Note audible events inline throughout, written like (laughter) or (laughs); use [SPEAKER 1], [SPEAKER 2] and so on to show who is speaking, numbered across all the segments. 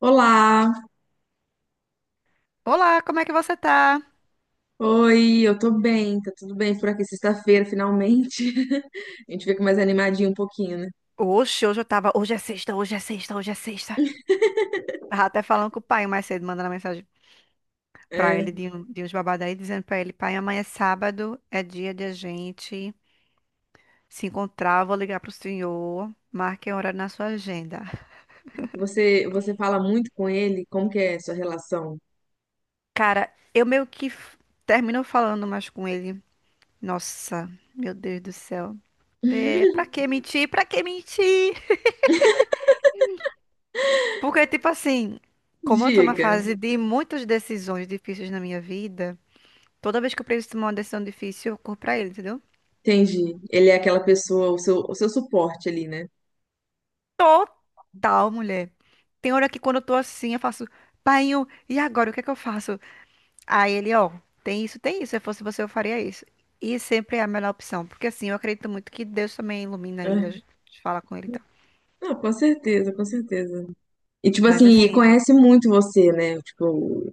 [SPEAKER 1] Olá,
[SPEAKER 2] Olá, como é que você tá?
[SPEAKER 1] oi, eu tô bem, tá tudo bem por aqui, sexta-feira, finalmente. (laughs) A gente fica mais animadinho um pouquinho, né?
[SPEAKER 2] Oxe, hoje eu tava. Hoje é sexta, hoje é sexta, hoje é sexta. Tava até falando com o pai mais cedo, mandando uma mensagem pra
[SPEAKER 1] É,
[SPEAKER 2] ele de, de uns babados aí, dizendo pra ele: pai, amanhã é sábado, é dia de a gente se encontrar. Eu vou ligar pro senhor, marque a hora na sua agenda.
[SPEAKER 1] você fala muito com ele, como que é a sua relação?
[SPEAKER 2] Cara, eu meio que termino falando mais com ele. Nossa, meu Deus do céu. É, pra
[SPEAKER 1] (laughs)
[SPEAKER 2] que mentir? Pra que mentir? Porque, tipo assim, como eu tô na
[SPEAKER 1] Diga,
[SPEAKER 2] fase de muitas decisões difíceis na minha vida. Toda vez que eu preciso tomar uma decisão difícil, eu corro pra ele, entendeu?
[SPEAKER 1] entendi. Ele é aquela pessoa, o seu suporte ali, né?
[SPEAKER 2] Total, mulher. Tem hora que quando eu tô assim, eu faço, painho, e agora? O que é que eu faço? Aí ele, ó, tem isso, tem isso. Se eu fosse você, eu faria isso. E sempre é a melhor opção. Porque assim, eu acredito muito que Deus também ilumina ele, a
[SPEAKER 1] Ah,
[SPEAKER 2] gente fala com ele e tal.
[SPEAKER 1] não, com certeza, com certeza. E tipo
[SPEAKER 2] Mas
[SPEAKER 1] assim, e
[SPEAKER 2] assim,
[SPEAKER 1] conhece muito você, né? Tipo,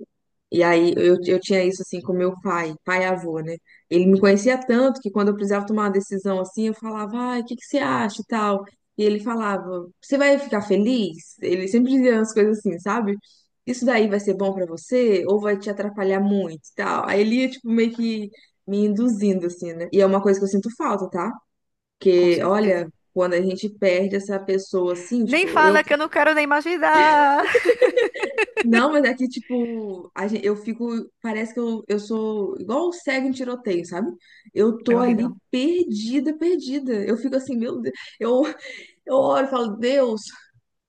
[SPEAKER 1] e aí eu tinha isso assim com meu pai, pai e avô, né? Ele me conhecia tanto que quando eu precisava tomar uma decisão assim, eu falava, ai, o que que você acha e tal? E ele falava, você vai ficar feliz? Ele sempre dizia umas coisas assim, sabe? Isso daí vai ser bom pra você ou vai te atrapalhar muito e tal? Aí ele ia, tipo, meio que me induzindo, assim, né? E é uma coisa que eu sinto falta, tá?
[SPEAKER 2] com
[SPEAKER 1] Porque, olha,
[SPEAKER 2] certeza.
[SPEAKER 1] quando a gente perde essa pessoa assim,
[SPEAKER 2] Nem
[SPEAKER 1] tipo, eu.
[SPEAKER 2] fala que eu não quero nem imaginar.
[SPEAKER 1] Não, mas é que, tipo, eu fico. Parece que eu sou igual o cego em tiroteio, sabe? Eu
[SPEAKER 2] É
[SPEAKER 1] tô ali
[SPEAKER 2] horrível.
[SPEAKER 1] perdida, perdida. Eu fico assim, meu Deus. Eu, eu oro e falo, Deus,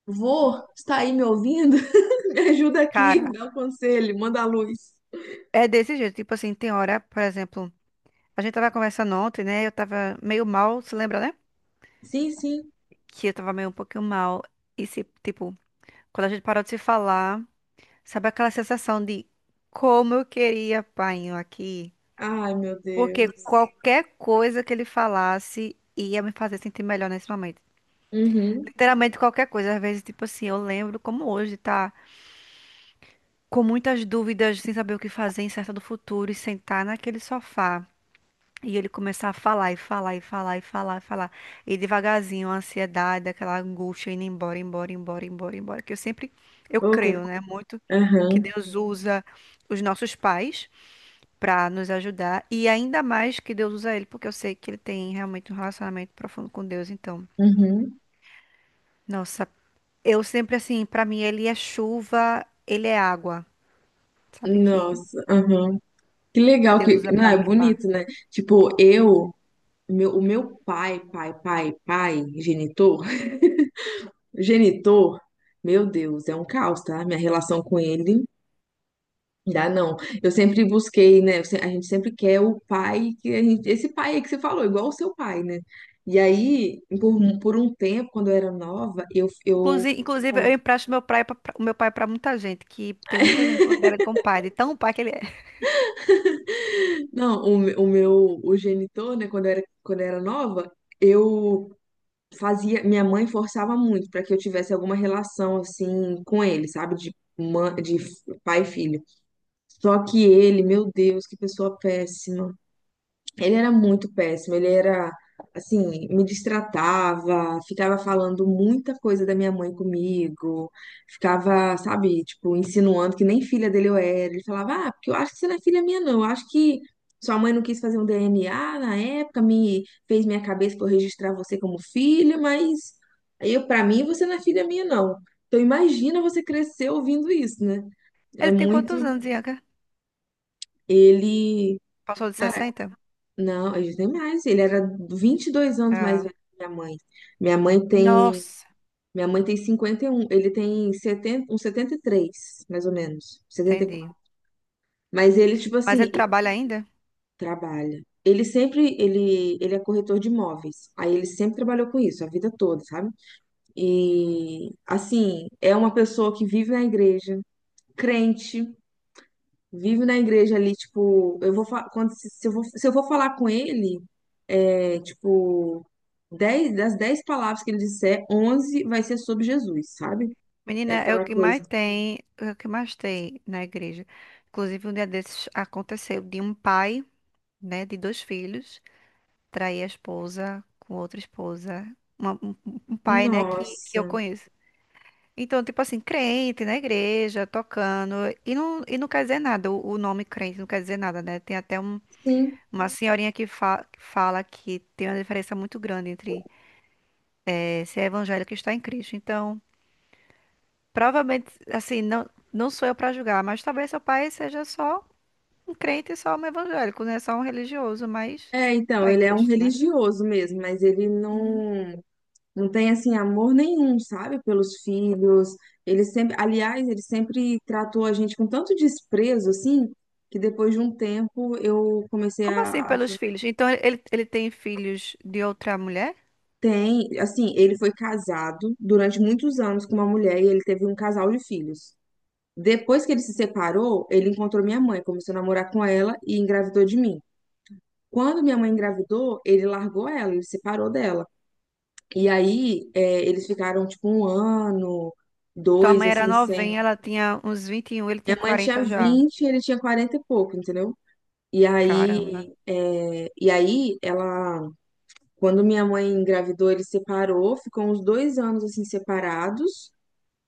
[SPEAKER 1] vô, está aí me ouvindo? (laughs) Me ajuda aqui,
[SPEAKER 2] Cara,
[SPEAKER 1] me dá um conselho, manda a luz.
[SPEAKER 2] é desse jeito. Tipo assim, tem hora, por exemplo, a gente tava conversando ontem, né? Eu tava meio mal, se lembra, né?
[SPEAKER 1] Sim, sim.
[SPEAKER 2] Que eu tava meio um pouquinho mal. E se, tipo, quando a gente parou de se falar, sabe aquela sensação de como eu queria painho aqui?
[SPEAKER 1] Ai, meu
[SPEAKER 2] Porque
[SPEAKER 1] Deus.
[SPEAKER 2] qualquer coisa que ele falasse ia me fazer sentir melhor nesse momento.
[SPEAKER 1] Uhum.
[SPEAKER 2] Literalmente qualquer coisa. Às vezes, tipo assim, eu lembro como hoje, tá? Com muitas dúvidas, sem saber o que fazer, incerta do futuro, e sentar naquele sofá. E ele começar a falar e falar e falar e falar e falar. E devagarzinho, a ansiedade, aquela angústia indo embora, embora, embora, embora, embora. Que eu sempre, eu
[SPEAKER 1] Ok.
[SPEAKER 2] creio, né? Muito que
[SPEAKER 1] Aham.
[SPEAKER 2] Deus usa os nossos pais para nos ajudar. E ainda mais que Deus usa ele, porque eu sei que ele tem realmente um relacionamento profundo com Deus. Então,
[SPEAKER 1] Uhum.
[SPEAKER 2] nossa, eu sempre assim, para mim ele é chuva, ele é água, sabe? Que
[SPEAKER 1] Nossa, aham. Que legal
[SPEAKER 2] Deus
[SPEAKER 1] que.
[SPEAKER 2] usa
[SPEAKER 1] Não,
[SPEAKER 2] para me
[SPEAKER 1] é
[SPEAKER 2] limpar.
[SPEAKER 1] bonito, né? Tipo, eu. Meu, o meu genitor. O genitor, meu Deus, é um caos, tá? Minha relação com ele, dá não. Eu sempre busquei, né? eu se- A gente sempre quer o pai que a gente, esse pai aí que você falou, igual o seu pai, né? E aí, por um tempo, quando eu era nova, eu
[SPEAKER 2] Inclusive, eu empresto meu pai pra, pra- o meu pai pra muita gente, que tem muita gente que considera ele como pai, de tão pai que ele é. (laughs)
[SPEAKER 1] não, o meu o genitor, né, quando eu era nova, eu fazia, minha mãe forçava muito para que eu tivesse alguma relação assim com ele, sabe, de mã- de f- pai e filho. Só que ele, meu Deus, que pessoa péssima. Ele era muito péssimo, ele era assim, me destratava, ficava falando muita coisa da minha mãe comigo, ficava, sabe, tipo, insinuando que nem filha dele eu era. Ele falava: "Ah, porque eu acho que você não é filha minha não. Eu acho que sua mãe não quis fazer um DNA na época, me fez minha cabeça para eu registrar você como filha, mas eu para mim você não é filha minha não". Então imagina você crescer ouvindo isso, né? É
[SPEAKER 2] Ele tem
[SPEAKER 1] muito.
[SPEAKER 2] quantos anos, Ianca?
[SPEAKER 1] Ele.
[SPEAKER 2] Passou de
[SPEAKER 1] Cara,
[SPEAKER 2] 60.
[SPEAKER 1] não, eu já tenho mais. Ele era 22 anos mais
[SPEAKER 2] Ah,
[SPEAKER 1] velho que minha mãe. Minha mãe tem,
[SPEAKER 2] nossa,
[SPEAKER 1] minha mãe tem 51, ele tem 70, uns 73 mais ou menos, 74.
[SPEAKER 2] entendi.
[SPEAKER 1] Mas ele, tipo
[SPEAKER 2] Mas
[SPEAKER 1] assim,
[SPEAKER 2] ele
[SPEAKER 1] ele
[SPEAKER 2] trabalha ainda?
[SPEAKER 1] trabalha. Ele sempre, ele é corretor de imóveis. Aí ele sempre trabalhou com isso, a vida toda, sabe? E, assim, é uma pessoa que vive na igreja, crente, vive na igreja ali, tipo, quando se se eu vou, se eu vou falar com ele, é, tipo, 10 das 10 palavras que ele disser, 11 vai ser sobre Jesus, sabe? É
[SPEAKER 2] Menina, é o
[SPEAKER 1] aquela
[SPEAKER 2] que mais
[SPEAKER 1] coisa.
[SPEAKER 2] tem, é o que mais tem na igreja. Inclusive, um dia desses aconteceu de um pai, né, de dois filhos, trair a esposa com outra esposa. Um pai, né, que eu
[SPEAKER 1] Nossa.
[SPEAKER 2] conheço. Então, tipo assim, crente na igreja, tocando, e não quer dizer nada, o nome crente não quer dizer nada, né? Tem até
[SPEAKER 1] Sim.
[SPEAKER 2] uma senhorinha que fala que tem uma diferença muito grande entre ser evangélico e estar em Cristo. Então, provavelmente, assim, não, não sou eu para julgar, mas talvez seu pai seja só um crente e só um evangélico, né? Só um religioso, mas
[SPEAKER 1] É, então,
[SPEAKER 2] tá em
[SPEAKER 1] ele é um
[SPEAKER 2] Cristo, né?
[SPEAKER 1] religioso mesmo, mas ele
[SPEAKER 2] Uhum.
[SPEAKER 1] não tem assim amor nenhum, sabe, pelos filhos. Ele sempre, aliás, ele sempre tratou a gente com tanto desprezo assim, que depois de um tempo eu comecei
[SPEAKER 2] Como
[SPEAKER 1] a,
[SPEAKER 2] assim
[SPEAKER 1] a
[SPEAKER 2] pelos filhos? Então, ele tem filhos de outra mulher?
[SPEAKER 1] Tem, assim, ele foi casado durante muitos anos com uma mulher e ele teve um casal de filhos. Depois que ele se separou, ele encontrou minha mãe, começou a namorar com ela e engravidou de mim. Quando minha mãe engravidou, ele largou ela, ele se separou dela. E aí, é, eles ficaram tipo um ano,
[SPEAKER 2] Tua
[SPEAKER 1] dois,
[SPEAKER 2] mãe era
[SPEAKER 1] assim, sem.
[SPEAKER 2] novinha, ela tinha uns 21, ele tinha
[SPEAKER 1] Minha mãe tinha
[SPEAKER 2] 40 já.
[SPEAKER 1] 20 e ele tinha 40 e pouco, entendeu? E
[SPEAKER 2] Caramba.
[SPEAKER 1] aí, é, e aí ela, quando minha mãe engravidou, ele separou, ficou uns 2 anos assim separados.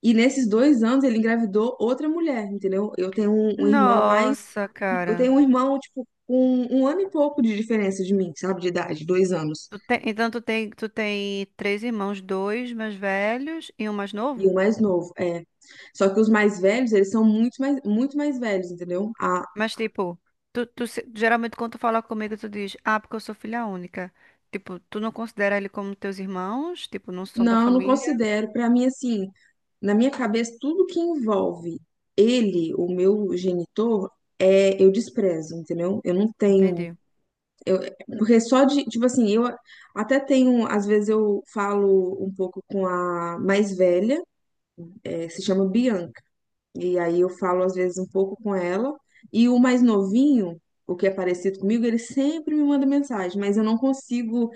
[SPEAKER 1] E nesses 2 anos ele engravidou outra mulher, entendeu? Eu tenho um irmão mais.
[SPEAKER 2] Nossa,
[SPEAKER 1] Eu
[SPEAKER 2] cara.
[SPEAKER 1] tenho um irmão, tipo, com um ano e pouco de diferença de mim, sabe? De idade, 2 anos.
[SPEAKER 2] Então tu tem três irmãos, dois mais velhos e um mais
[SPEAKER 1] E o
[SPEAKER 2] novo?
[SPEAKER 1] mais novo, é. Só que os mais velhos, eles são muito mais velhos, entendeu? Ah,
[SPEAKER 2] Mas tipo, tu, tu se- geralmente quando tu fala comigo, tu diz, ah, porque eu sou filha única. Tipo, tu não considera ele como teus irmãos? Tipo, não são da
[SPEAKER 1] não, não
[SPEAKER 2] família?
[SPEAKER 1] considero. Pra mim, assim, na minha cabeça, tudo que envolve ele, o meu genitor, é, eu desprezo, entendeu? Eu não tenho.
[SPEAKER 2] Entendi.
[SPEAKER 1] Eu, porque só de, tipo assim, eu até tenho, às vezes eu falo um pouco com a mais velha, se chama Bianca, e aí eu falo às vezes um pouco com ela, e o mais novinho, o que é parecido comigo, ele sempre me manda mensagem, mas eu não consigo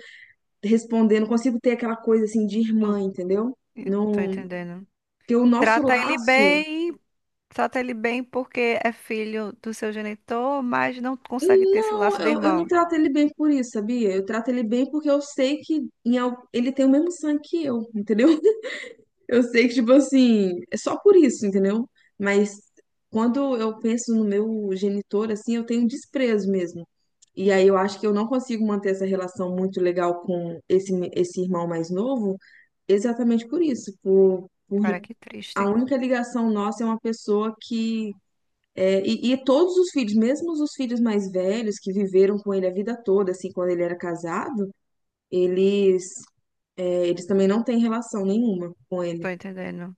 [SPEAKER 1] responder, não consigo ter aquela coisa assim de irmã,
[SPEAKER 2] Não,
[SPEAKER 1] entendeu?
[SPEAKER 2] eu tô
[SPEAKER 1] Não,
[SPEAKER 2] entendendo.
[SPEAKER 1] porque o nosso
[SPEAKER 2] Trata ele
[SPEAKER 1] laço,
[SPEAKER 2] bem, trata ele bem porque é filho do seu genitor, mas não consegue ter esse
[SPEAKER 1] não,
[SPEAKER 2] laço de
[SPEAKER 1] eu não
[SPEAKER 2] irmão.
[SPEAKER 1] trato ele bem por isso, sabia? Eu trato ele bem porque eu sei que em, al- ele tem o mesmo sangue que eu, entendeu? Eu sei que, tipo assim, é só por isso, entendeu? Mas quando eu penso no meu genitor, assim, eu tenho um desprezo mesmo. E aí eu acho que eu não consigo manter essa relação muito legal com esse irmão mais novo, exatamente por isso, por
[SPEAKER 2] Cara, que
[SPEAKER 1] a
[SPEAKER 2] triste.
[SPEAKER 1] única ligação nossa é uma pessoa que é, e todos os filhos, mesmo os filhos mais velhos que viveram com ele a vida toda, assim, quando ele era casado, eles é, eles também não têm relação nenhuma com
[SPEAKER 2] Tô
[SPEAKER 1] ele.
[SPEAKER 2] entendendo.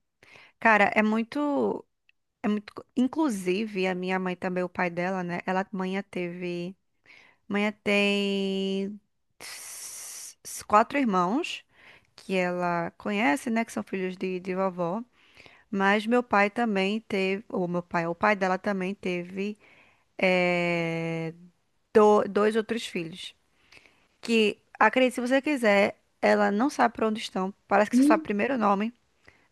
[SPEAKER 2] Cara, é muito. É muito. Inclusive, a minha mãe também, o pai dela, né? Mãe teve. Mãe tem quatro irmãos que ela conhece, né? Que são filhos de vovó. Mas meu pai também teve. O pai dela também teve eh, dois outros filhos. Que, acredite, se você quiser, ela não sabe pra onde estão. Parece que só sabe o primeiro nome.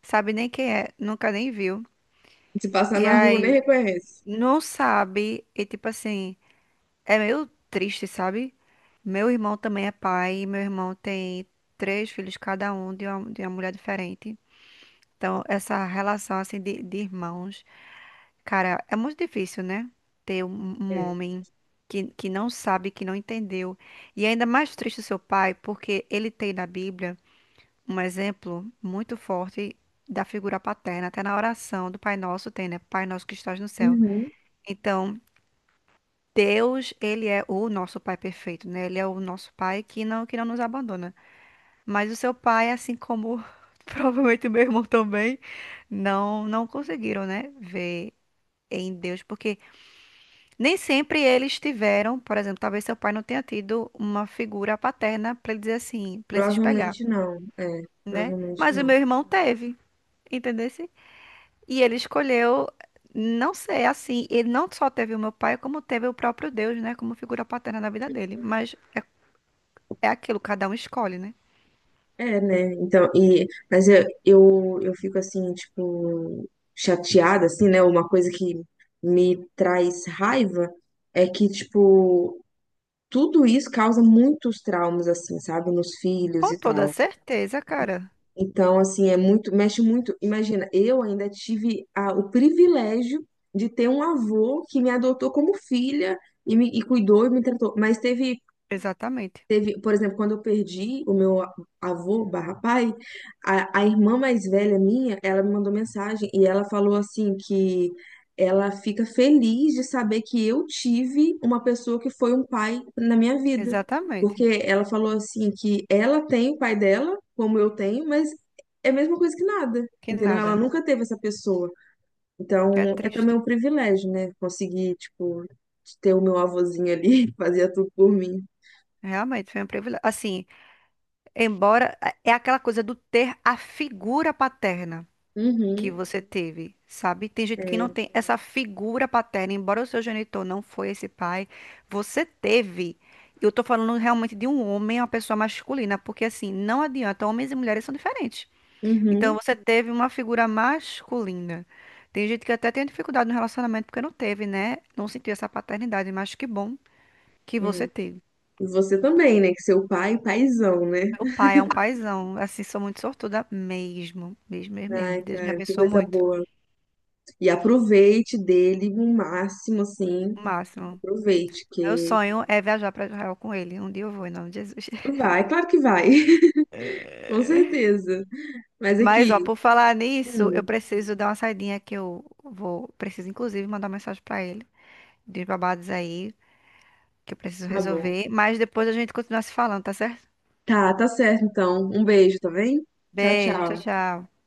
[SPEAKER 2] Sabe nem quem é. Nunca nem viu.
[SPEAKER 1] Se passar
[SPEAKER 2] E
[SPEAKER 1] na rua, nem
[SPEAKER 2] aí.
[SPEAKER 1] reconhece.
[SPEAKER 2] Não sabe. E tipo assim. É meio triste, sabe? Meu irmão também é pai, e meu irmão tem três filhos, cada um de uma mulher diferente. Então, essa relação assim de irmãos, cara, é muito difícil, né? Ter um
[SPEAKER 1] É.
[SPEAKER 2] homem que não sabe, que não entendeu. E é ainda mais triste o seu pai, porque ele tem na Bíblia um exemplo muito forte da figura paterna, até na oração do Pai Nosso tem, né? Pai Nosso que estás no céu.
[SPEAKER 1] Uhum.
[SPEAKER 2] Então, Deus, ele é o nosso pai perfeito, né? Ele é o nosso pai que não nos abandona. Mas o seu pai, assim como (laughs) provavelmente o meu irmão também, não, não conseguiram, né? Ver em Deus, porque nem sempre eles tiveram, por exemplo, talvez seu pai não tenha tido uma figura paterna para ele dizer assim, para ele se espelhar,
[SPEAKER 1] Provavelmente não. É,
[SPEAKER 2] né?
[SPEAKER 1] provavelmente
[SPEAKER 2] Mas o
[SPEAKER 1] não.
[SPEAKER 2] meu irmão teve, entendesse? E ele escolheu não ser assim, ele não só teve o meu pai, como teve o próprio Deus, né, como figura paterna na vida dele. Mas é aquilo, cada um escolhe, né?
[SPEAKER 1] É, né? Então, e, mas eu fico assim, tipo, chateada, assim, né? Uma coisa que me traz raiva é que, tipo, tudo isso causa muitos traumas, assim, sabe? Nos filhos
[SPEAKER 2] Com
[SPEAKER 1] e
[SPEAKER 2] toda
[SPEAKER 1] tal.
[SPEAKER 2] certeza, cara.
[SPEAKER 1] Então, assim, é muito, mexe muito. Imagina, eu ainda tive o privilégio de ter um avô que me adotou como filha e me e cuidou e me tratou, mas teve.
[SPEAKER 2] Exatamente.
[SPEAKER 1] Teve, por exemplo, quando eu perdi avô barra pai, a irmã mais velha minha, ela me mandou mensagem e ela falou assim que ela fica feliz de saber que eu tive uma pessoa que foi um pai na minha vida.
[SPEAKER 2] Exatamente.
[SPEAKER 1] Porque ela falou assim que ela tem o pai dela, como eu tenho, mas é a mesma coisa que nada,
[SPEAKER 2] Que
[SPEAKER 1] entendeu? Ela
[SPEAKER 2] nada.
[SPEAKER 1] nunca teve essa pessoa.
[SPEAKER 2] É
[SPEAKER 1] Então, é também
[SPEAKER 2] triste.
[SPEAKER 1] um privilégio, né? Conseguir, tipo, ter o meu avôzinho ali, (laughs) fazia tudo por mim.
[SPEAKER 2] Realmente foi um privilégio. Assim, embora é aquela coisa do ter a figura paterna que
[SPEAKER 1] Uhum.
[SPEAKER 2] você teve, sabe? Tem gente que não tem essa figura paterna, embora o seu genitor não foi esse pai, você teve. Eu tô falando realmente de um homem, uma pessoa masculina, porque assim, não adianta, homens e mulheres são diferentes. Então
[SPEAKER 1] Uhum.
[SPEAKER 2] você teve uma figura masculina. Tem gente que até tem dificuldade no relacionamento porque não teve, né? Não sentiu essa paternidade, mas que bom que
[SPEAKER 1] É.
[SPEAKER 2] você teve.
[SPEAKER 1] E você também, né? Que seu pai, paizão, né?
[SPEAKER 2] Meu pai é um paizão, assim, sou muito sortuda mesmo, mesmo, mesmo, mesmo.
[SPEAKER 1] Ai,
[SPEAKER 2] Deus me
[SPEAKER 1] cara, que
[SPEAKER 2] abençoou
[SPEAKER 1] coisa
[SPEAKER 2] muito,
[SPEAKER 1] boa. E aproveite dele o máximo, assim.
[SPEAKER 2] o máximo.
[SPEAKER 1] Aproveite,
[SPEAKER 2] Meu
[SPEAKER 1] que
[SPEAKER 2] sonho é viajar para Israel com ele. Um dia eu vou, em nome de Jesus. (laughs)
[SPEAKER 1] vai, claro que vai, (laughs) com certeza. Mas
[SPEAKER 2] Mas, ó,
[SPEAKER 1] aqui,
[SPEAKER 2] por falar nisso, eu
[SPEAKER 1] hum,
[SPEAKER 2] preciso dar uma saidinha que eu vou, preciso inclusive mandar uma mensagem para ele, de babados aí, que eu preciso
[SPEAKER 1] tá bom.
[SPEAKER 2] resolver, mas depois a gente continua se falando, tá certo?
[SPEAKER 1] Tá, tá certo então. Um beijo, tá bem? Tchau,
[SPEAKER 2] Beijo, tchau,
[SPEAKER 1] tchau.
[SPEAKER 2] tchau.